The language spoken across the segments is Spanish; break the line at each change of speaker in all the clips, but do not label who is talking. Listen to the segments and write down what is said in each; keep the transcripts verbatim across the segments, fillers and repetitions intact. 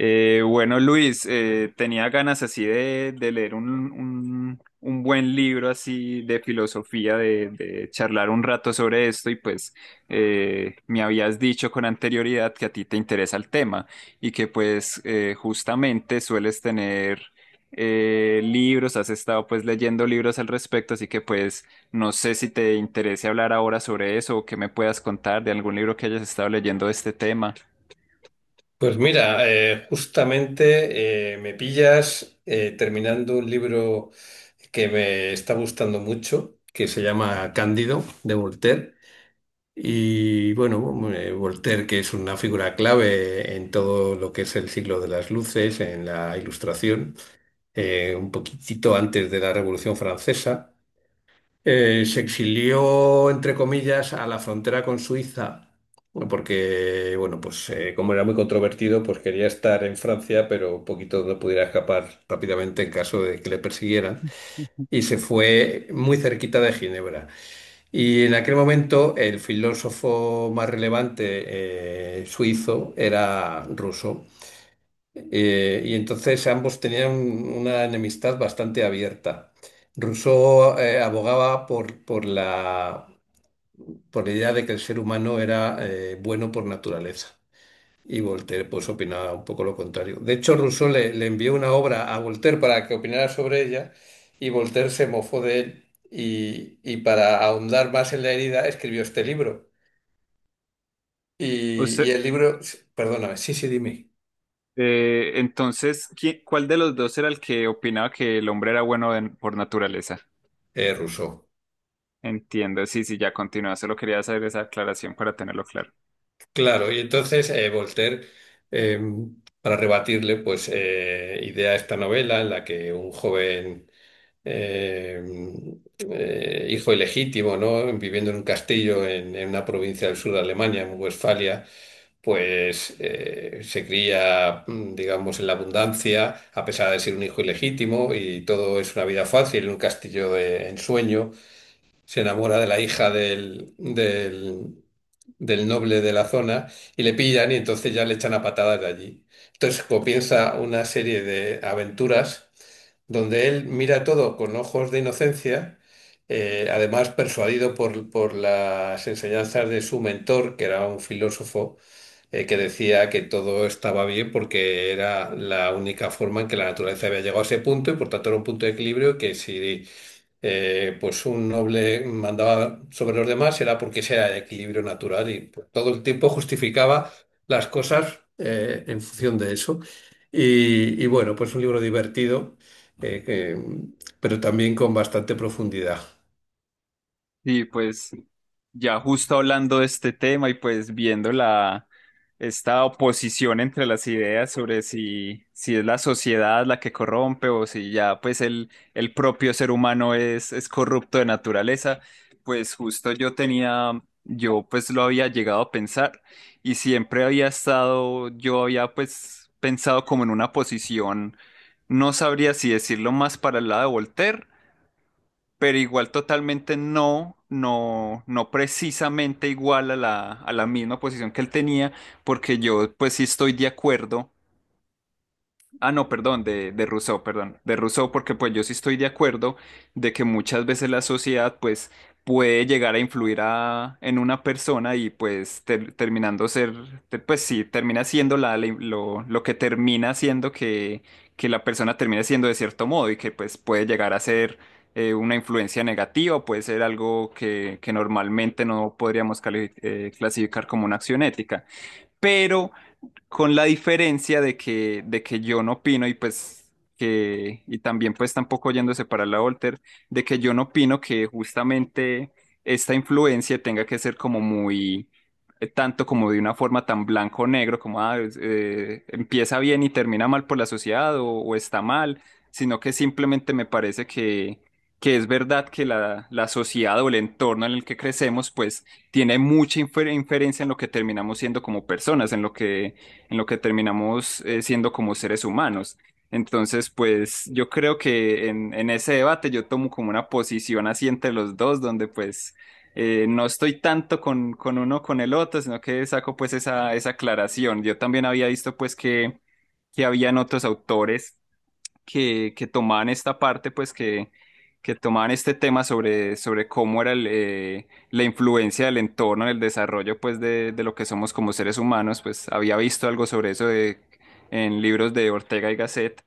Eh, bueno, Luis, eh, tenía ganas así de, de leer un, un- un buen libro así de filosofía, de, de charlar un rato sobre esto y pues eh, me habías dicho con anterioridad que a ti te interesa el tema y que pues eh, justamente sueles tener eh, libros, has estado pues leyendo libros al respecto, así que pues no sé si te interese hablar ahora sobre eso o que me puedas contar de algún libro que hayas estado leyendo de este tema.
Pues mira, eh, justamente eh, me pillas eh, terminando un libro que me está gustando mucho, que se llama Cándido, de Voltaire. Y bueno, eh, Voltaire, que es una figura clave en todo lo que es el siglo de las luces, en la ilustración, eh, un poquitito antes de la Revolución Francesa. Eh, se
Sí.
exilió, entre comillas, a la frontera con Suiza, porque, bueno, pues eh, como era muy controvertido, pues quería estar en Francia, pero un poquito donde pudiera escapar rápidamente en caso de que le persiguieran. Y se fue muy cerquita de Ginebra. Y en aquel momento el filósofo más relevante eh, suizo era ruso. Eh, y entonces ambos tenían una enemistad bastante abierta. Rousseau eh, abogaba por, por la, por la idea de que el ser humano era eh, bueno por naturaleza. Y Voltaire pues opinaba un poco lo contrario. De hecho, Rousseau le, le envió una obra a Voltaire para que opinara sobre ella y Voltaire se mofó de él y, y para ahondar más en la herida escribió este libro. Y,
Usted.
y el libro, perdóname, sí, sí, dime,
Eh, entonces, ¿qui- ¿cuál de los dos era el que opinaba que el hombre era bueno de- por naturaleza?
eh, Rousseau.
Entiendo, sí, sí, ya continúa. Solo quería hacer esa aclaración para tenerlo claro.
Claro, y entonces eh, Voltaire, eh, para rebatirle, pues eh, idea esta novela en la que un joven eh, eh, hijo ilegítimo, ¿no? Viviendo en un castillo en, en una provincia del sur de Alemania, en Westfalia, pues eh, se cría, mm, digamos, en la abundancia, a pesar de ser un hijo ilegítimo, y todo es una vida fácil, en un castillo de ensueño se enamora de la hija del, del, del noble de la zona y le pillan y entonces ya le echan a patadas de allí. Entonces comienza una serie de aventuras donde él mira todo con ojos de inocencia, eh, además persuadido por, por las enseñanzas de su mentor, que era un filósofo. Eh, que decía que todo estaba bien porque era la única forma en que la naturaleza había llegado a ese punto y por tanto era un punto de equilibrio que si eh, pues un noble mandaba sobre los demás era porque ese era el equilibrio natural y pues, todo el tiempo justificaba las cosas eh, en función de eso. Y, y bueno, pues un libro divertido, eh, que- pero también con bastante profundidad.
Y pues ya justo hablando de este tema y pues viendo la esta oposición entre las ideas sobre si, si es la sociedad la que corrompe o si ya pues el, el propio ser humano es, es corrupto de naturaleza, pues justo yo tenía, yo pues lo había llegado a pensar y siempre había estado, yo había pues pensado como en una posición, no sabría si decirlo más para el lado de Voltaire, pero igual totalmente no, no, no precisamente igual a la, a la misma posición que él tenía, porque yo pues sí estoy de acuerdo. Ah, no, perdón, de, de Rousseau, perdón, de Rousseau, porque pues yo sí estoy de acuerdo de que muchas veces la sociedad pues puede llegar a influir a, en una persona y pues ter- terminando ser, te- pues sí, termina siendo la, la- lo, lo que termina siendo que, que la persona termina siendo de cierto modo y que pues puede llegar a ser eh, una influencia negativa, puede ser algo que, que normalmente no podríamos cali- eh, clasificar como una acción ética. Pero con la diferencia de que, de que yo no opino y pues que, y también pues tampoco yéndose para la Volter, de que yo no opino que justamente esta influencia tenga que ser como muy, eh, tanto como de una forma tan blanco o negro, como ah, es- eh, empieza bien y termina mal por la sociedad o, o está mal, sino que simplemente me parece que... que es verdad que la, la sociedad o el entorno en el que crecemos, pues tiene mucha infer- inferencia en lo que terminamos siendo como personas, en lo que, en lo que terminamos eh, siendo como seres humanos. Entonces, pues yo creo que en, en ese debate yo tomo como una posición así entre los dos, donde pues eh, no estoy tanto con, con uno o con el otro, sino que saco pues esa, esa aclaración. Yo también había visto pues que, que habían otros autores que, que tomaban esta parte, pues que, que tomaban este tema sobre, sobre cómo era el, eh, la influencia del entorno en el desarrollo, pues de, de lo que somos como seres humanos, pues había visto algo sobre eso de, en libros de Ortega y Gasset,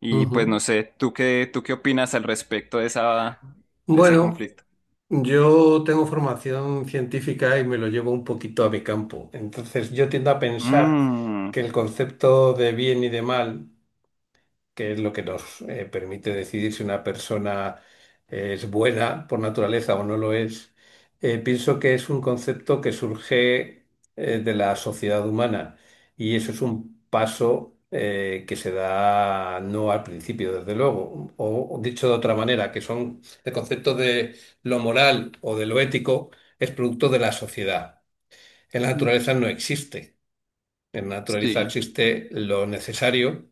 y pues no
Ujú.
sé, ¿tú qué, ¿tú qué opinas al respecto de esa, de ese
Bueno,
conflicto?
yo tengo formación científica y me lo llevo un poquito a mi campo. Entonces yo tiendo a pensar
Mm,
que el concepto de bien y de mal, que es lo que nos eh, permite decidir si una persona es buena por naturaleza o no lo es, eh, pienso que es un concepto que surge eh, de la sociedad humana y eso es un paso eh, que se da no al principio, desde luego, o o dicho de otra manera, que son el concepto de lo moral o de lo ético es producto de la sociedad. En la naturaleza no existe. En la naturaleza
sí.
existe lo necesario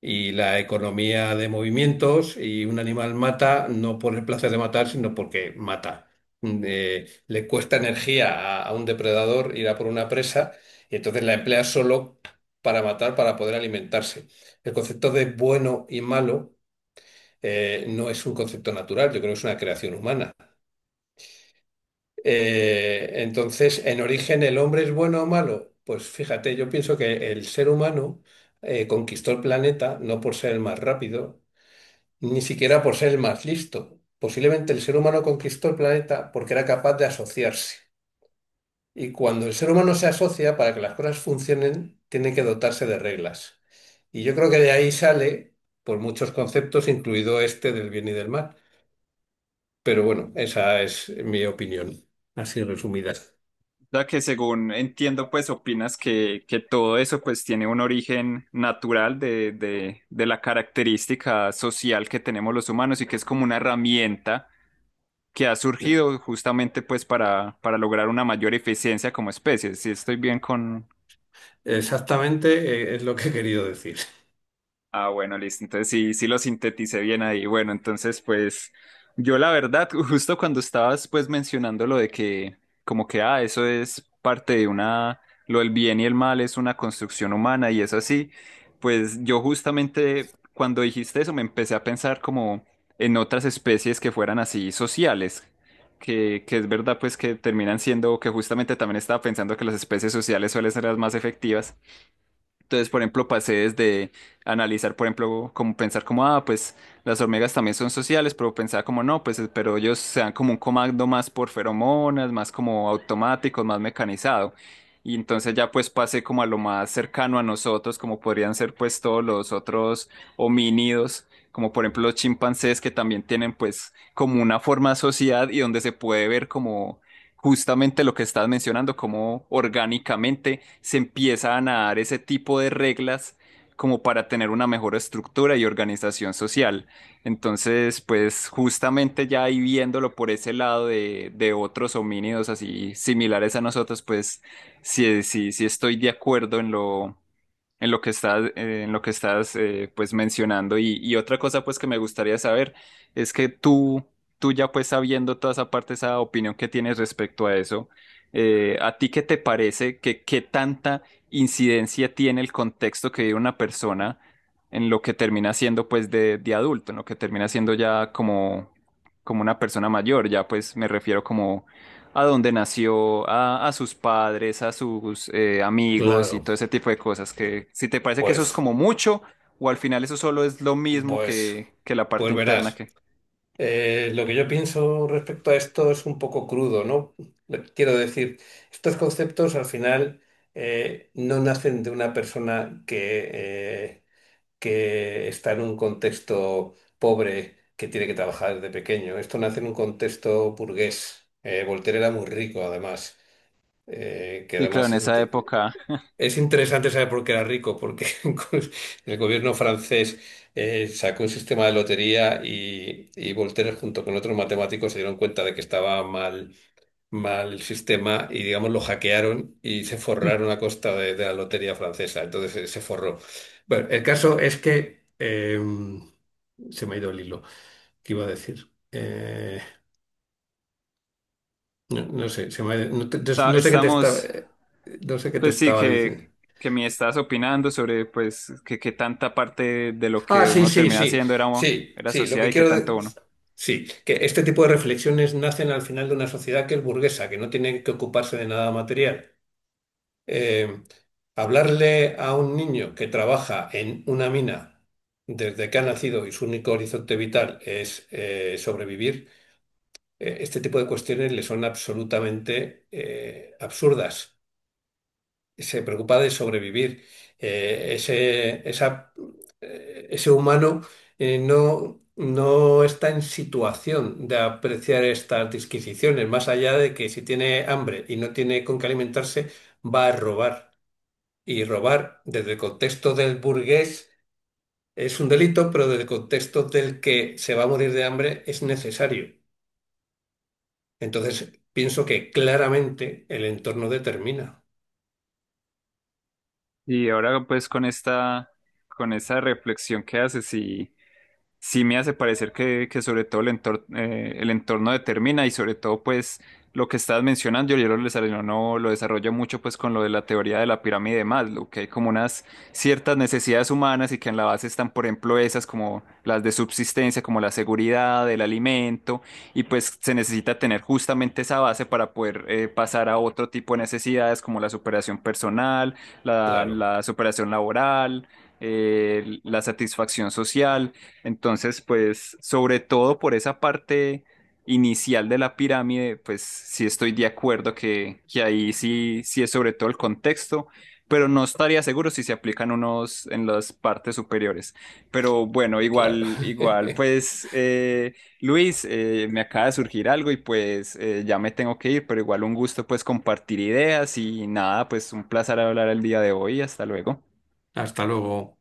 y la economía de movimientos y un animal mata no por el placer de matar, sino porque mata. Mm, eh, le cuesta energía a, a un depredador ir a por una presa y entonces la emplea solo para matar, para poder alimentarse. El concepto de bueno y malo eh, no es un concepto natural, yo creo que es una creación humana. Eh, entonces, en origen, ¿el hombre es bueno o malo? Pues fíjate, yo pienso que el ser humano eh, conquistó el planeta no por ser el más rápido, ni siquiera por ser el más listo. Posiblemente el ser humano conquistó el planeta porque era capaz de asociarse. Y cuando el ser humano se asocia, para que las cosas funcionen, tiene que dotarse de reglas. Y yo creo que de ahí sale, por muchos conceptos, incluido este del bien y del mal. Pero bueno, esa es mi opinión, así resumida.
Ya que según entiendo, pues opinas que, que todo eso pues tiene un origen natural de, de, de la característica social que tenemos los humanos y que es como una herramienta que ha surgido justamente pues para, para lograr una mayor eficiencia como especie. Si estoy bien con,
Exactamente, eh, es lo que he querido decir.
ah, bueno, listo. Entonces sí, sí lo sinteticé bien ahí. Bueno, entonces pues yo la verdad, justo cuando estabas pues mencionando lo de que como que, ah, eso es parte de una, lo del bien y el mal es una construcción humana y es así, pues yo justamente cuando dijiste eso me empecé a pensar como en otras especies que fueran así sociales, que, que es verdad pues que terminan siendo, que justamente también estaba pensando que las especies sociales suelen ser las más efectivas. Entonces, por ejemplo, pasé desde analizar, por ejemplo, como pensar como, ah, pues las hormigas también son sociales, pero pensaba como, no, pues, eh, pero ellos se dan como un comando más por feromonas, más como automático, más mecanizado. Y entonces ya pues pasé como a lo más cercano a nosotros, como podrían ser pues todos los otros homínidos, como por ejemplo los chimpancés, que también tienen pues como una forma de sociedad y donde se puede ver como justamente lo que estás mencionando, cómo orgánicamente se empiezan a dar ese tipo de reglas como para tener una mejor estructura y organización social. Entonces, pues justamente ya ahí viéndolo por ese lado de, de otros homínidos así similares a nosotros, pues sí, sí, sí estoy de acuerdo en lo, en lo que estás, eh, en lo que estás eh, pues mencionando. Y, y otra cosa pues que me gustaría saber es que tú, tú ya pues sabiendo toda esa parte, esa opinión que tienes respecto a eso, eh, ¿a ti qué te parece que qué tanta incidencia tiene el contexto que vive una persona en lo que termina siendo pues de, de adulto, en lo que termina siendo ya como, como una persona mayor? Ya pues me refiero como a dónde nació, a, a sus padres, a sus eh, amigos y
Claro,
todo ese tipo de cosas. Que si te parece que eso es
pues,
como mucho, o al final eso solo es lo mismo
pues,
que, que la parte
pues
interna
verás.
que.
Eh, lo que yo pienso respecto a esto es un poco crudo, ¿no? Le- Quiero decir, estos conceptos al final eh, no nacen de una persona que, eh, que está en un contexto pobre que tiene que trabajar desde pequeño. Esto nace en un contexto burgués. Eh, Voltaire era muy rico, además, eh, que
Y claro, en
además es-
esa época
es interesante saber por qué era rico, porque el gobierno francés eh, sacó un sistema de lotería y, y Voltaire junto con otros matemáticos se dieron cuenta de que estaba mal, mal el sistema y digamos lo hackearon y se forraron a costa de, de la lotería francesa. Entonces eh, se forró. Bueno, el caso es que eh, se me ha ido el hilo. ¿Qué iba a decir? Eh, no, no sé, se me ha ido- no, te-
ta-
no sé qué te estaba,
estamos,
eh, no sé qué te
pues sí,
estaba
que,
diciendo.
que me estás opinando sobre pues que, que tanta parte de lo
Ah,
que
sí,
uno
sí,
termina
sí,
haciendo era,
sí,
era
sí, lo
sociedad
que
y que
quiero...
tanto
de-
uno.
Sí, que este tipo de reflexiones nacen al final de una sociedad que es burguesa, que no tiene que ocuparse de nada material. Eh, hablarle a un niño que trabaja en una mina desde que ha nacido y su único horizonte vital es eh, sobrevivir, eh, este tipo de cuestiones le son absolutamente eh, absurdas, se preocupa de sobrevivir. Eh, ese, esa- eh, ese humano eh, no, no está en situación de apreciar estas disquisiciones, más allá de que si tiene hambre y no tiene con qué alimentarse, va a robar. Y robar desde el contexto del burgués es un delito, pero desde el contexto del que se va a morir de hambre es necesario. Entonces, pienso que claramente el entorno determina.
Y ahora pues con esta, con esa reflexión que haces y sí me hace parecer que, que sobre todo el entorno, el entorno determina y sobre todo pues lo que estás mencionando, yo lo desarrollo, no no, lo desarrollo mucho pues con lo de la teoría de la pirámide de Maslow, que hay como unas ciertas necesidades humanas y que en la base están por ejemplo esas como las de subsistencia, como la seguridad, el alimento y pues se necesita tener justamente esa base para poder eh, pasar a otro tipo de necesidades como la superación personal, la,
Claro,
la superación laboral, eh, la satisfacción social. Entonces, pues, sobre todo por esa parte inicial de la pirámide, pues sí estoy de acuerdo que, que ahí sí, sí es sobre todo el contexto, pero no estaría seguro si se aplican unos en las partes superiores. Pero bueno,
claro.
igual, igual, pues, eh, Luis, eh, me acaba de surgir algo y pues eh, ya me tengo que ir, pero igual un gusto pues compartir ideas y nada, pues un placer hablar el día de hoy. Hasta luego.